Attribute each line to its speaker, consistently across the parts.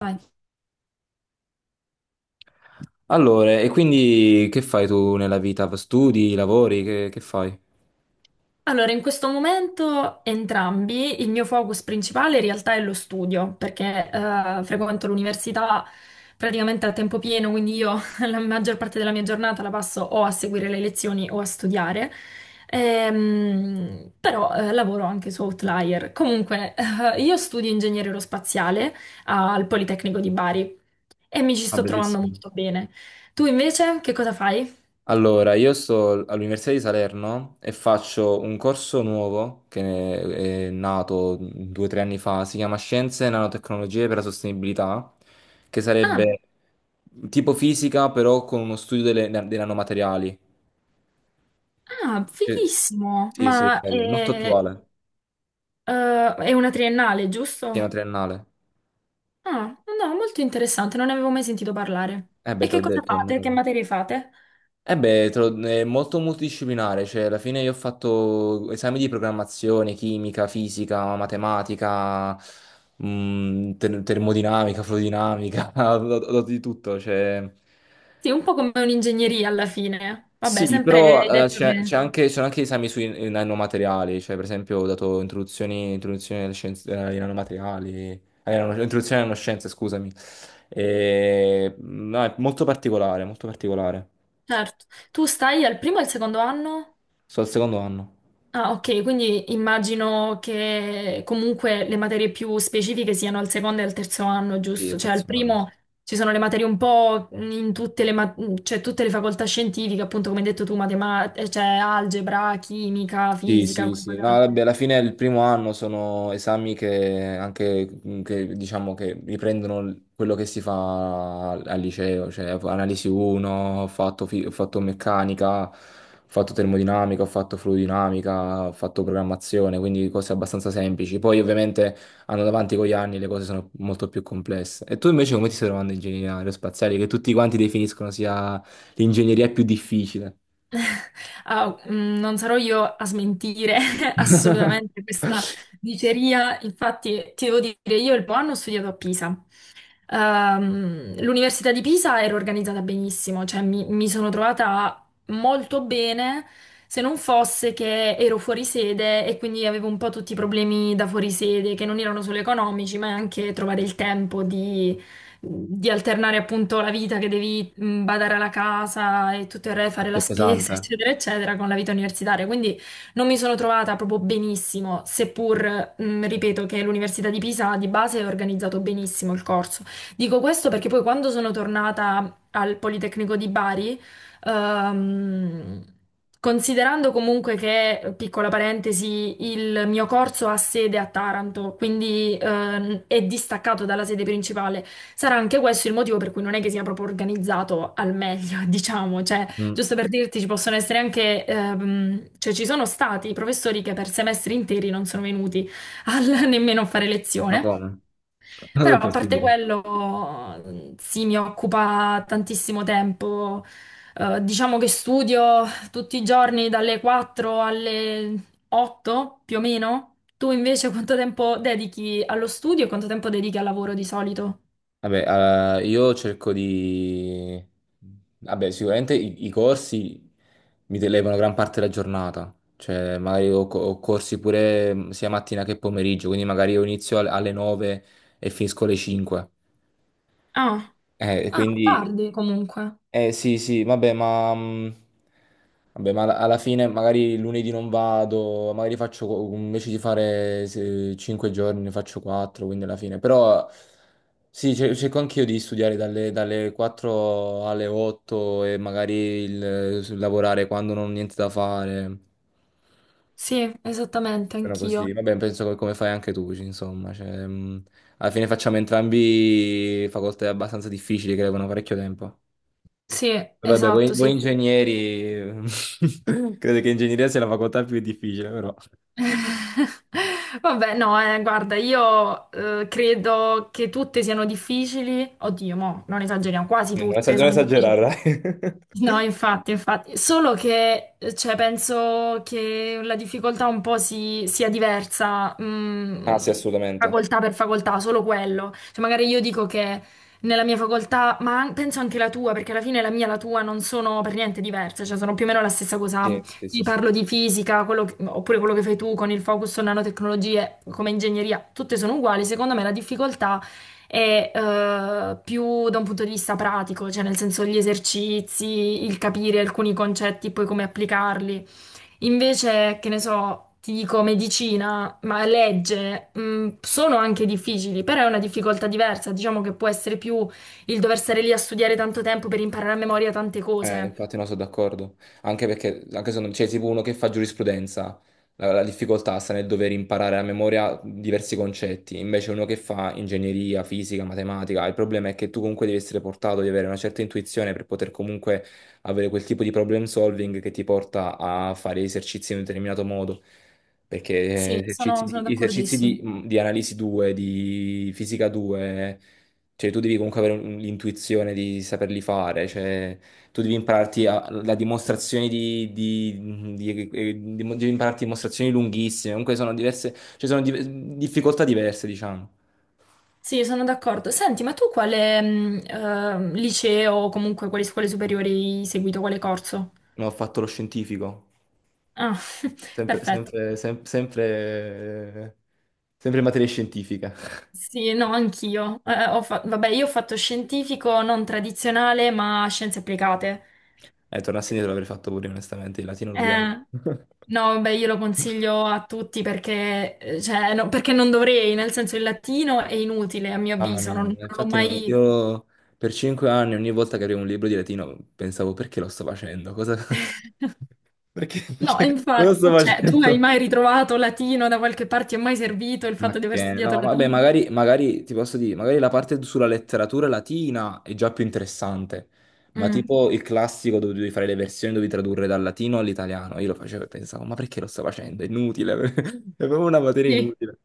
Speaker 1: Vai.
Speaker 2: Allora, e quindi che fai tu nella vita? Studi, lavori, che fai?
Speaker 1: Allora, in questo momento entrambi, il mio focus principale in realtà è lo studio, perché frequento l'università praticamente a tempo pieno, quindi io la maggior parte della mia giornata la passo o a seguire le lezioni o a studiare. Però lavoro anche su Outlier. Comunque, io studio ingegneria aerospaziale al Politecnico di Bari e mi ci
Speaker 2: Ah,
Speaker 1: sto trovando
Speaker 2: bellissimo.
Speaker 1: molto bene. Tu invece che cosa fai?
Speaker 2: Allora, io sto all'Università di Salerno e faccio un corso nuovo che è nato due o tre anni fa, si chiama Scienze e Nanotecnologie per la Sostenibilità, che
Speaker 1: Ah,
Speaker 2: sarebbe tipo fisica però con uno studio dei nanomateriali.
Speaker 1: ah,
Speaker 2: Cioè,
Speaker 1: fighissimo!
Speaker 2: sì, sì, è
Speaker 1: Ma
Speaker 2: bello, molto attuale,
Speaker 1: eh, è una triennale,
Speaker 2: pieno
Speaker 1: giusto?
Speaker 2: triennale.
Speaker 1: Ah, no, molto interessante, non ne avevo mai sentito parlare.
Speaker 2: Eh beh,
Speaker 1: E
Speaker 2: te
Speaker 1: che
Speaker 2: l'ho
Speaker 1: cosa
Speaker 2: detto, è
Speaker 1: fate? Che
Speaker 2: nuovo.
Speaker 1: materie fate?
Speaker 2: Eh beh, è molto multidisciplinare, cioè alla fine io ho fatto esami di programmazione, chimica, fisica, matematica, termodinamica, fluidinamica, ho dato di tutto, cioè...
Speaker 1: Sì, un po' come un'ingegneria alla fine. Vabbè,
Speaker 2: Sì,
Speaker 1: sempre hai
Speaker 2: però
Speaker 1: detto
Speaker 2: c'è
Speaker 1: che...
Speaker 2: c'è anche, ci sono anche esami sui nanomateriali, cioè per esempio ho dato introduzioni alle scienze, ai nanomateriali, no, introduzione alle nanoscienze, scusami. E, no, è molto particolare, molto particolare.
Speaker 1: Certo. Tu stai al primo e al secondo anno?
Speaker 2: Sto al secondo anno.
Speaker 1: Ah, ok, quindi immagino che comunque le materie più specifiche siano al secondo e al terzo anno,
Speaker 2: Sì,
Speaker 1: giusto?
Speaker 2: al
Speaker 1: Cioè al
Speaker 2: terzo anno.
Speaker 1: primo ci sono le materie un po' in tutte le, ma- cioè, tutte le facoltà scientifiche, appunto come hai detto tu, matematica, cioè algebra, chimica,
Speaker 2: Sì,
Speaker 1: fisica,
Speaker 2: sì,
Speaker 1: quelle
Speaker 2: sì,
Speaker 1: cose
Speaker 2: no,
Speaker 1: là.
Speaker 2: vabbè, alla fine il primo anno sono esami che anche, mhmm, che, diciamo, che riprendono quello che si fa al liceo, cioè analisi 1, ho fatto, ho fatto meccanica, ho fatto termodinamica, ho fatto fluidinamica, ho fatto programmazione, quindi cose abbastanza semplici. Poi ovviamente andando avanti con gli anni le cose sono molto più complesse. E tu invece come ti stai trovando in ingegneria aerospaziale, che tutti quanti definiscono sia l'ingegneria più difficile?
Speaker 1: Ah, mm, non sarò io a smentire assolutamente questa diceria. Infatti ti devo dire, io il primo anno ho studiato a Pisa. L'Università di Pisa era organizzata benissimo, cioè mi sono trovata molto bene, se non fosse che ero fuori sede e quindi avevo un po' tutti i problemi da fuori sede, che non erano solo economici, ma anche trovare il tempo di alternare appunto la vita che devi badare alla casa e tutto il re, fare
Speaker 2: Perché
Speaker 1: la
Speaker 2: è pesante,
Speaker 1: spesa,
Speaker 2: eh?
Speaker 1: eccetera, eccetera, con la vita universitaria. Quindi non mi sono trovata proprio benissimo, seppur, ripeto, che l'Università di Pisa di base è organizzato benissimo il corso. Dico questo perché poi quando sono tornata al Politecnico di Bari, ehm, considerando comunque che, piccola parentesi, il mio corso ha sede a Taranto, quindi è distaccato dalla sede principale, sarà anche questo il motivo per cui non è che sia proprio organizzato al meglio, diciamo, cioè,
Speaker 2: Mm,
Speaker 1: giusto per dirti, ci possono essere anche, cioè ci sono stati professori che per semestri interi non sono venuti al- nemmeno a fare
Speaker 2: ma
Speaker 1: lezione.
Speaker 2: come? Non
Speaker 1: Però
Speaker 2: è
Speaker 1: a parte
Speaker 2: possibile.
Speaker 1: quello, sì, mi occupa tantissimo tempo. Diciamo che studio tutti i giorni dalle 4 alle 8 più o meno. Tu invece quanto tempo dedichi allo studio e quanto tempo dedichi al lavoro di solito?
Speaker 2: Vabbè, io cerco di... Vabbè, sicuramente i corsi mi televano gran parte della giornata, cioè magari ho, ho corsi pure sia mattina che pomeriggio, quindi magari io inizio alle 9 e finisco alle 5.
Speaker 1: Ah,
Speaker 2: E
Speaker 1: ah,
Speaker 2: quindi
Speaker 1: tardi comunque.
Speaker 2: eh sì, sì, vabbè, ma alla fine magari lunedì non vado, magari faccio invece di fare 5 giorni ne faccio 4, quindi alla fine. Però sì, cerco anch'io di studiare dalle 4 alle 8 e magari lavorare quando non ho niente da fare.
Speaker 1: Sì, esattamente,
Speaker 2: Però
Speaker 1: anch'io.
Speaker 2: così, vabbè, penso che come fai anche tu, insomma, cioè, alla fine facciamo entrambi facoltà abbastanza difficili che levano parecchio tempo.
Speaker 1: Sì,
Speaker 2: Vabbè,
Speaker 1: esatto,
Speaker 2: voi
Speaker 1: sì.
Speaker 2: ingegneri, credo che ingegneria sia la facoltà più difficile, però.
Speaker 1: Vabbè, no, guarda, io credo che tutte siano difficili. Oddio, mo, non esageriamo, quasi
Speaker 2: Non esagerare,
Speaker 1: tutte
Speaker 2: non
Speaker 1: sono
Speaker 2: esagerare,
Speaker 1: difficili.
Speaker 2: dai.
Speaker 1: No, infatti, infatti, solo che cioè, penso che la difficoltà un po' si- sia diversa,
Speaker 2: Ah,
Speaker 1: mm,
Speaker 2: sì, assolutamente.
Speaker 1: facoltà per facoltà, solo quello. Cioè, magari io dico che nella mia facoltà, ma an- penso anche la tua, perché alla fine la mia e la tua non sono per niente diverse, cioè sono più o meno la stessa cosa.
Speaker 2: Sì, sì,
Speaker 1: Ti
Speaker 2: sì, sì.
Speaker 1: parlo di fisica, quello che- oppure quello che fai tu con il focus su nanotecnologie come ingegneria, tutte sono uguali. Secondo me la difficoltà e più da un punto di vista pratico, cioè nel senso gli esercizi, il capire alcuni concetti e poi come applicarli. Invece, che ne so, ti dico medicina, ma legge, sono anche difficili, però è una difficoltà diversa, diciamo che può essere più il dover stare lì a studiare tanto tempo per imparare a memoria tante cose.
Speaker 2: Infatti no, sono d'accordo. Anche perché, anche se non c'è tipo uno che fa giurisprudenza, la difficoltà sta nel dover imparare a memoria diversi concetti. Invece uno che fa ingegneria, fisica, matematica, il problema è che tu comunque devi essere portato, di avere una certa intuizione per poter comunque avere quel tipo di problem solving che ti porta a fare esercizi in un determinato modo. Perché
Speaker 1: Sì, sono
Speaker 2: esercizi
Speaker 1: d'accordissimo.
Speaker 2: di di analisi 2, di fisica 2, cioè tu devi comunque avere l'intuizione di saperli fare, cioè tu devi impararti la dimostrazione devi impararti dimostrazioni lunghissime, comunque sono diverse, ci sono difficoltà diverse, diciamo.
Speaker 1: Sì, sono d'accordo. Senti, ma tu quale liceo o comunque quali scuole superiori hai seguito, quale corso?
Speaker 2: Non ho fatto lo scientifico,
Speaker 1: Ah, perfetto.
Speaker 2: sempre, eh, sempre in materia scientifica.
Speaker 1: Sì, no, anch'io. Ho fa- vabbè, io ho fatto scientifico non tradizionale, ma scienze applicate.
Speaker 2: Tornassi indietro l'avrei fatto pure, onestamente, il latino lo odiavo.
Speaker 1: Eh, no, beh, io lo consiglio a tutti perché, cioè, no, perché non dovrei, nel senso il latino è inutile a mio
Speaker 2: Mamma
Speaker 1: avviso,
Speaker 2: mia,
Speaker 1: non l'ho
Speaker 2: infatti non-
Speaker 1: mai...
Speaker 2: io per 5 anni ogni volta che avevo un libro di latino pensavo, perché lo sto facendo? Cosa,
Speaker 1: No,
Speaker 2: cosa sto
Speaker 1: infatti, cioè, tu hai
Speaker 2: facendo?
Speaker 1: mai ritrovato latino da qualche parte? Ti è mai servito il fatto di
Speaker 2: Ok,
Speaker 1: aver studiato
Speaker 2: no, vabbè,
Speaker 1: latino?
Speaker 2: magari, magari ti posso dire, magari la parte sulla letteratura latina è già più interessante, ma
Speaker 1: Mm,
Speaker 2: tipo il classico dove devi fare le versioni, devi tradurre dal latino all'italiano. Io lo facevo e pensavo, ma perché lo sto facendo? È inutile, è proprio una materia
Speaker 1: sì.
Speaker 2: inutile.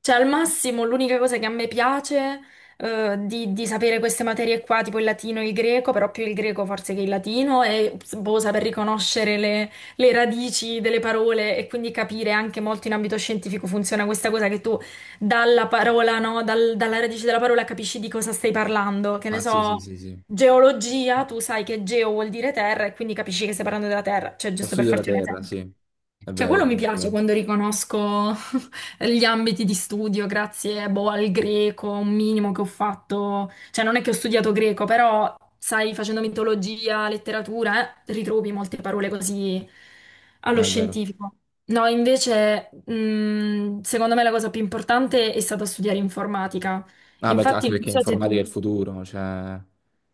Speaker 1: Cioè, al massimo, l'unica cosa che a me piace di sapere queste materie qua, tipo il latino e il greco, però più il greco forse che il latino, è boh, saper riconoscere le radici delle parole e quindi capire anche molto in ambito scientifico funziona questa cosa che tu dalla parola, no, dal- dalla radice della parola capisci di cosa stai parlando. Che ne
Speaker 2: Ah, sì, sì,
Speaker 1: so,
Speaker 2: sì, sì.
Speaker 1: geologia, tu sai che geo vuol dire terra e quindi capisci che stai parlando della terra, cioè
Speaker 2: Lo
Speaker 1: giusto per
Speaker 2: studio della
Speaker 1: farti un
Speaker 2: terra, sì.
Speaker 1: esempio.
Speaker 2: È
Speaker 1: Cioè,
Speaker 2: vero,
Speaker 1: quello
Speaker 2: è
Speaker 1: mi piace
Speaker 2: vero.
Speaker 1: quando riconosco gli ambiti di studio, grazie, boh, al greco, un minimo che ho fatto, cioè non è che ho studiato greco, però sai, facendo mitologia, letteratura, ritrovi molte parole così allo
Speaker 2: È vero.
Speaker 1: scientifico. No, invece, secondo me la cosa più importante è stata studiare informatica.
Speaker 2: Ah, anche
Speaker 1: Infatti, non
Speaker 2: perché
Speaker 1: so se
Speaker 2: informatica è
Speaker 1: tu,
Speaker 2: il futuro, cioè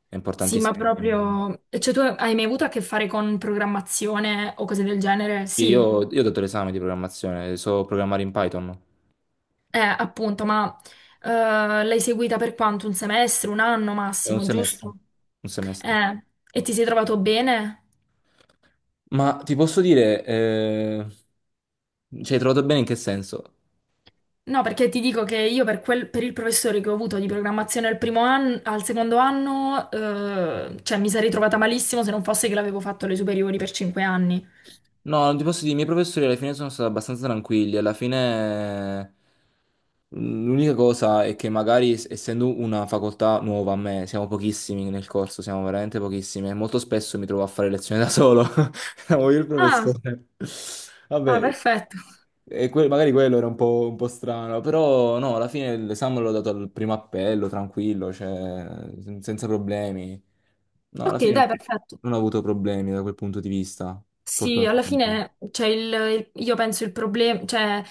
Speaker 2: è
Speaker 1: sì, ma
Speaker 2: importantissimo.
Speaker 1: proprio, cioè tu hai mai avuto a che fare con programmazione o cose del genere?
Speaker 2: Sì,
Speaker 1: Sì,
Speaker 2: io, ho dato l'esame di programmazione, so programmare in Python.
Speaker 1: eh, appunto, ma eh, l'hai seguita per quanto? Un semestre, un anno
Speaker 2: È un
Speaker 1: massimo,
Speaker 2: semestre.
Speaker 1: giusto?
Speaker 2: Un semestre.
Speaker 1: Eh, e ti sei trovato bene?
Speaker 2: Ma ti posso dire, ci hai trovato bene in che senso?
Speaker 1: No, perché ti dico che io per, quel- per il professore che ho avuto di programmazione al primo anno, al secondo anno, cioè mi sarei trovata malissimo se non fosse che l'avevo fatto alle superiori per 5 anni.
Speaker 2: No, non ti posso dire, i miei professori alla fine sono stati abbastanza tranquilli, alla fine l'unica cosa è che magari essendo una facoltà nuova a me, siamo pochissimi nel corso, siamo veramente pochissimi e molto spesso mi trovo a fare lezioni da solo. Siamo io e il
Speaker 1: Ah,
Speaker 2: professore.
Speaker 1: ah,
Speaker 2: Vabbè,
Speaker 1: perfetto.
Speaker 2: e magari quello era un po' strano, però no, alla fine l'esame l'ho dato al primo appello, tranquillo, cioè, senza problemi. No, alla
Speaker 1: Ok,
Speaker 2: fine
Speaker 1: dai, perfetto.
Speaker 2: non ho avuto problemi da quel punto di vista,
Speaker 1: Sì, alla
Speaker 2: fortunatamente.
Speaker 1: fine, cioè, io penso il problema, cioè,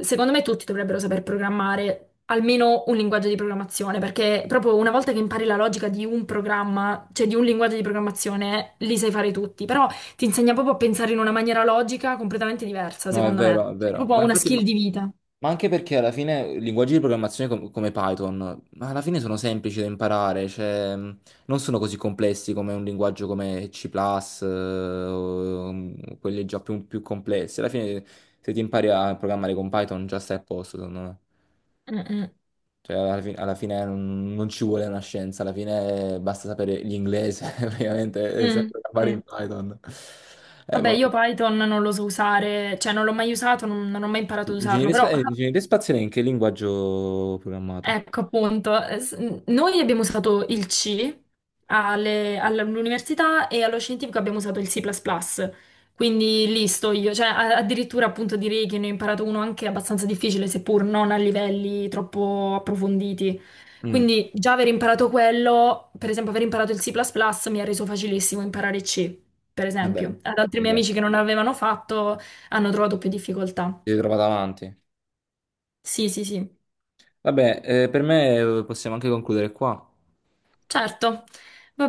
Speaker 1: secondo me tutti dovrebbero saper programmare almeno un linguaggio di programmazione, perché proprio una volta che impari la logica di un programma, cioè di un linguaggio di programmazione, li sai fare tutti, però ti insegna proprio a pensare in una maniera logica completamente diversa,
Speaker 2: No, è
Speaker 1: secondo
Speaker 2: vero, è
Speaker 1: me. È
Speaker 2: vero.
Speaker 1: proprio
Speaker 2: Ma
Speaker 1: una
Speaker 2: infatti...
Speaker 1: skill
Speaker 2: ma-
Speaker 1: di vita.
Speaker 2: Ma anche perché alla fine linguaggi di programmazione come Python, ma alla fine sono semplici da imparare, cioè non sono così complessi come un linguaggio come C++, eh, o quelli già più complessi. Alla fine se ti impari a programmare con Python già stai a posto, secondo me.
Speaker 1: Mm, mm,
Speaker 2: Cioè alla fine non ci vuole una scienza, alla fine basta sapere l'inglese, praticamente, e sai
Speaker 1: mm,
Speaker 2: programmare in
Speaker 1: sì.
Speaker 2: Python.
Speaker 1: Vabbè,
Speaker 2: Ma
Speaker 1: io Python non lo so usare, cioè non l'ho mai usato, non ho mai imparato ad usarlo,
Speaker 2: ingegneria,
Speaker 1: però
Speaker 2: ingegneria spaziale in che linguaggio programmate?
Speaker 1: ecco appunto, noi abbiamo usato il C all'università e allo scientifico abbiamo usato il C++, quindi lì sto io, cioè a- addirittura appunto direi che ne ho imparato uno anche abbastanza difficile, seppur non a livelli troppo approfonditi.
Speaker 2: Mm.
Speaker 1: Quindi già aver imparato quello, per esempio aver imparato il C++ mi ha reso facilissimo imparare C, per
Speaker 2: Vabbè,
Speaker 1: esempio. Ad altri miei
Speaker 2: vabbè,
Speaker 1: amici che non l'avevano fatto hanno trovato più difficoltà.
Speaker 2: si trova davanti.
Speaker 1: Sì,
Speaker 2: Vabbè, per me possiamo anche concludere qua.
Speaker 1: certo. Va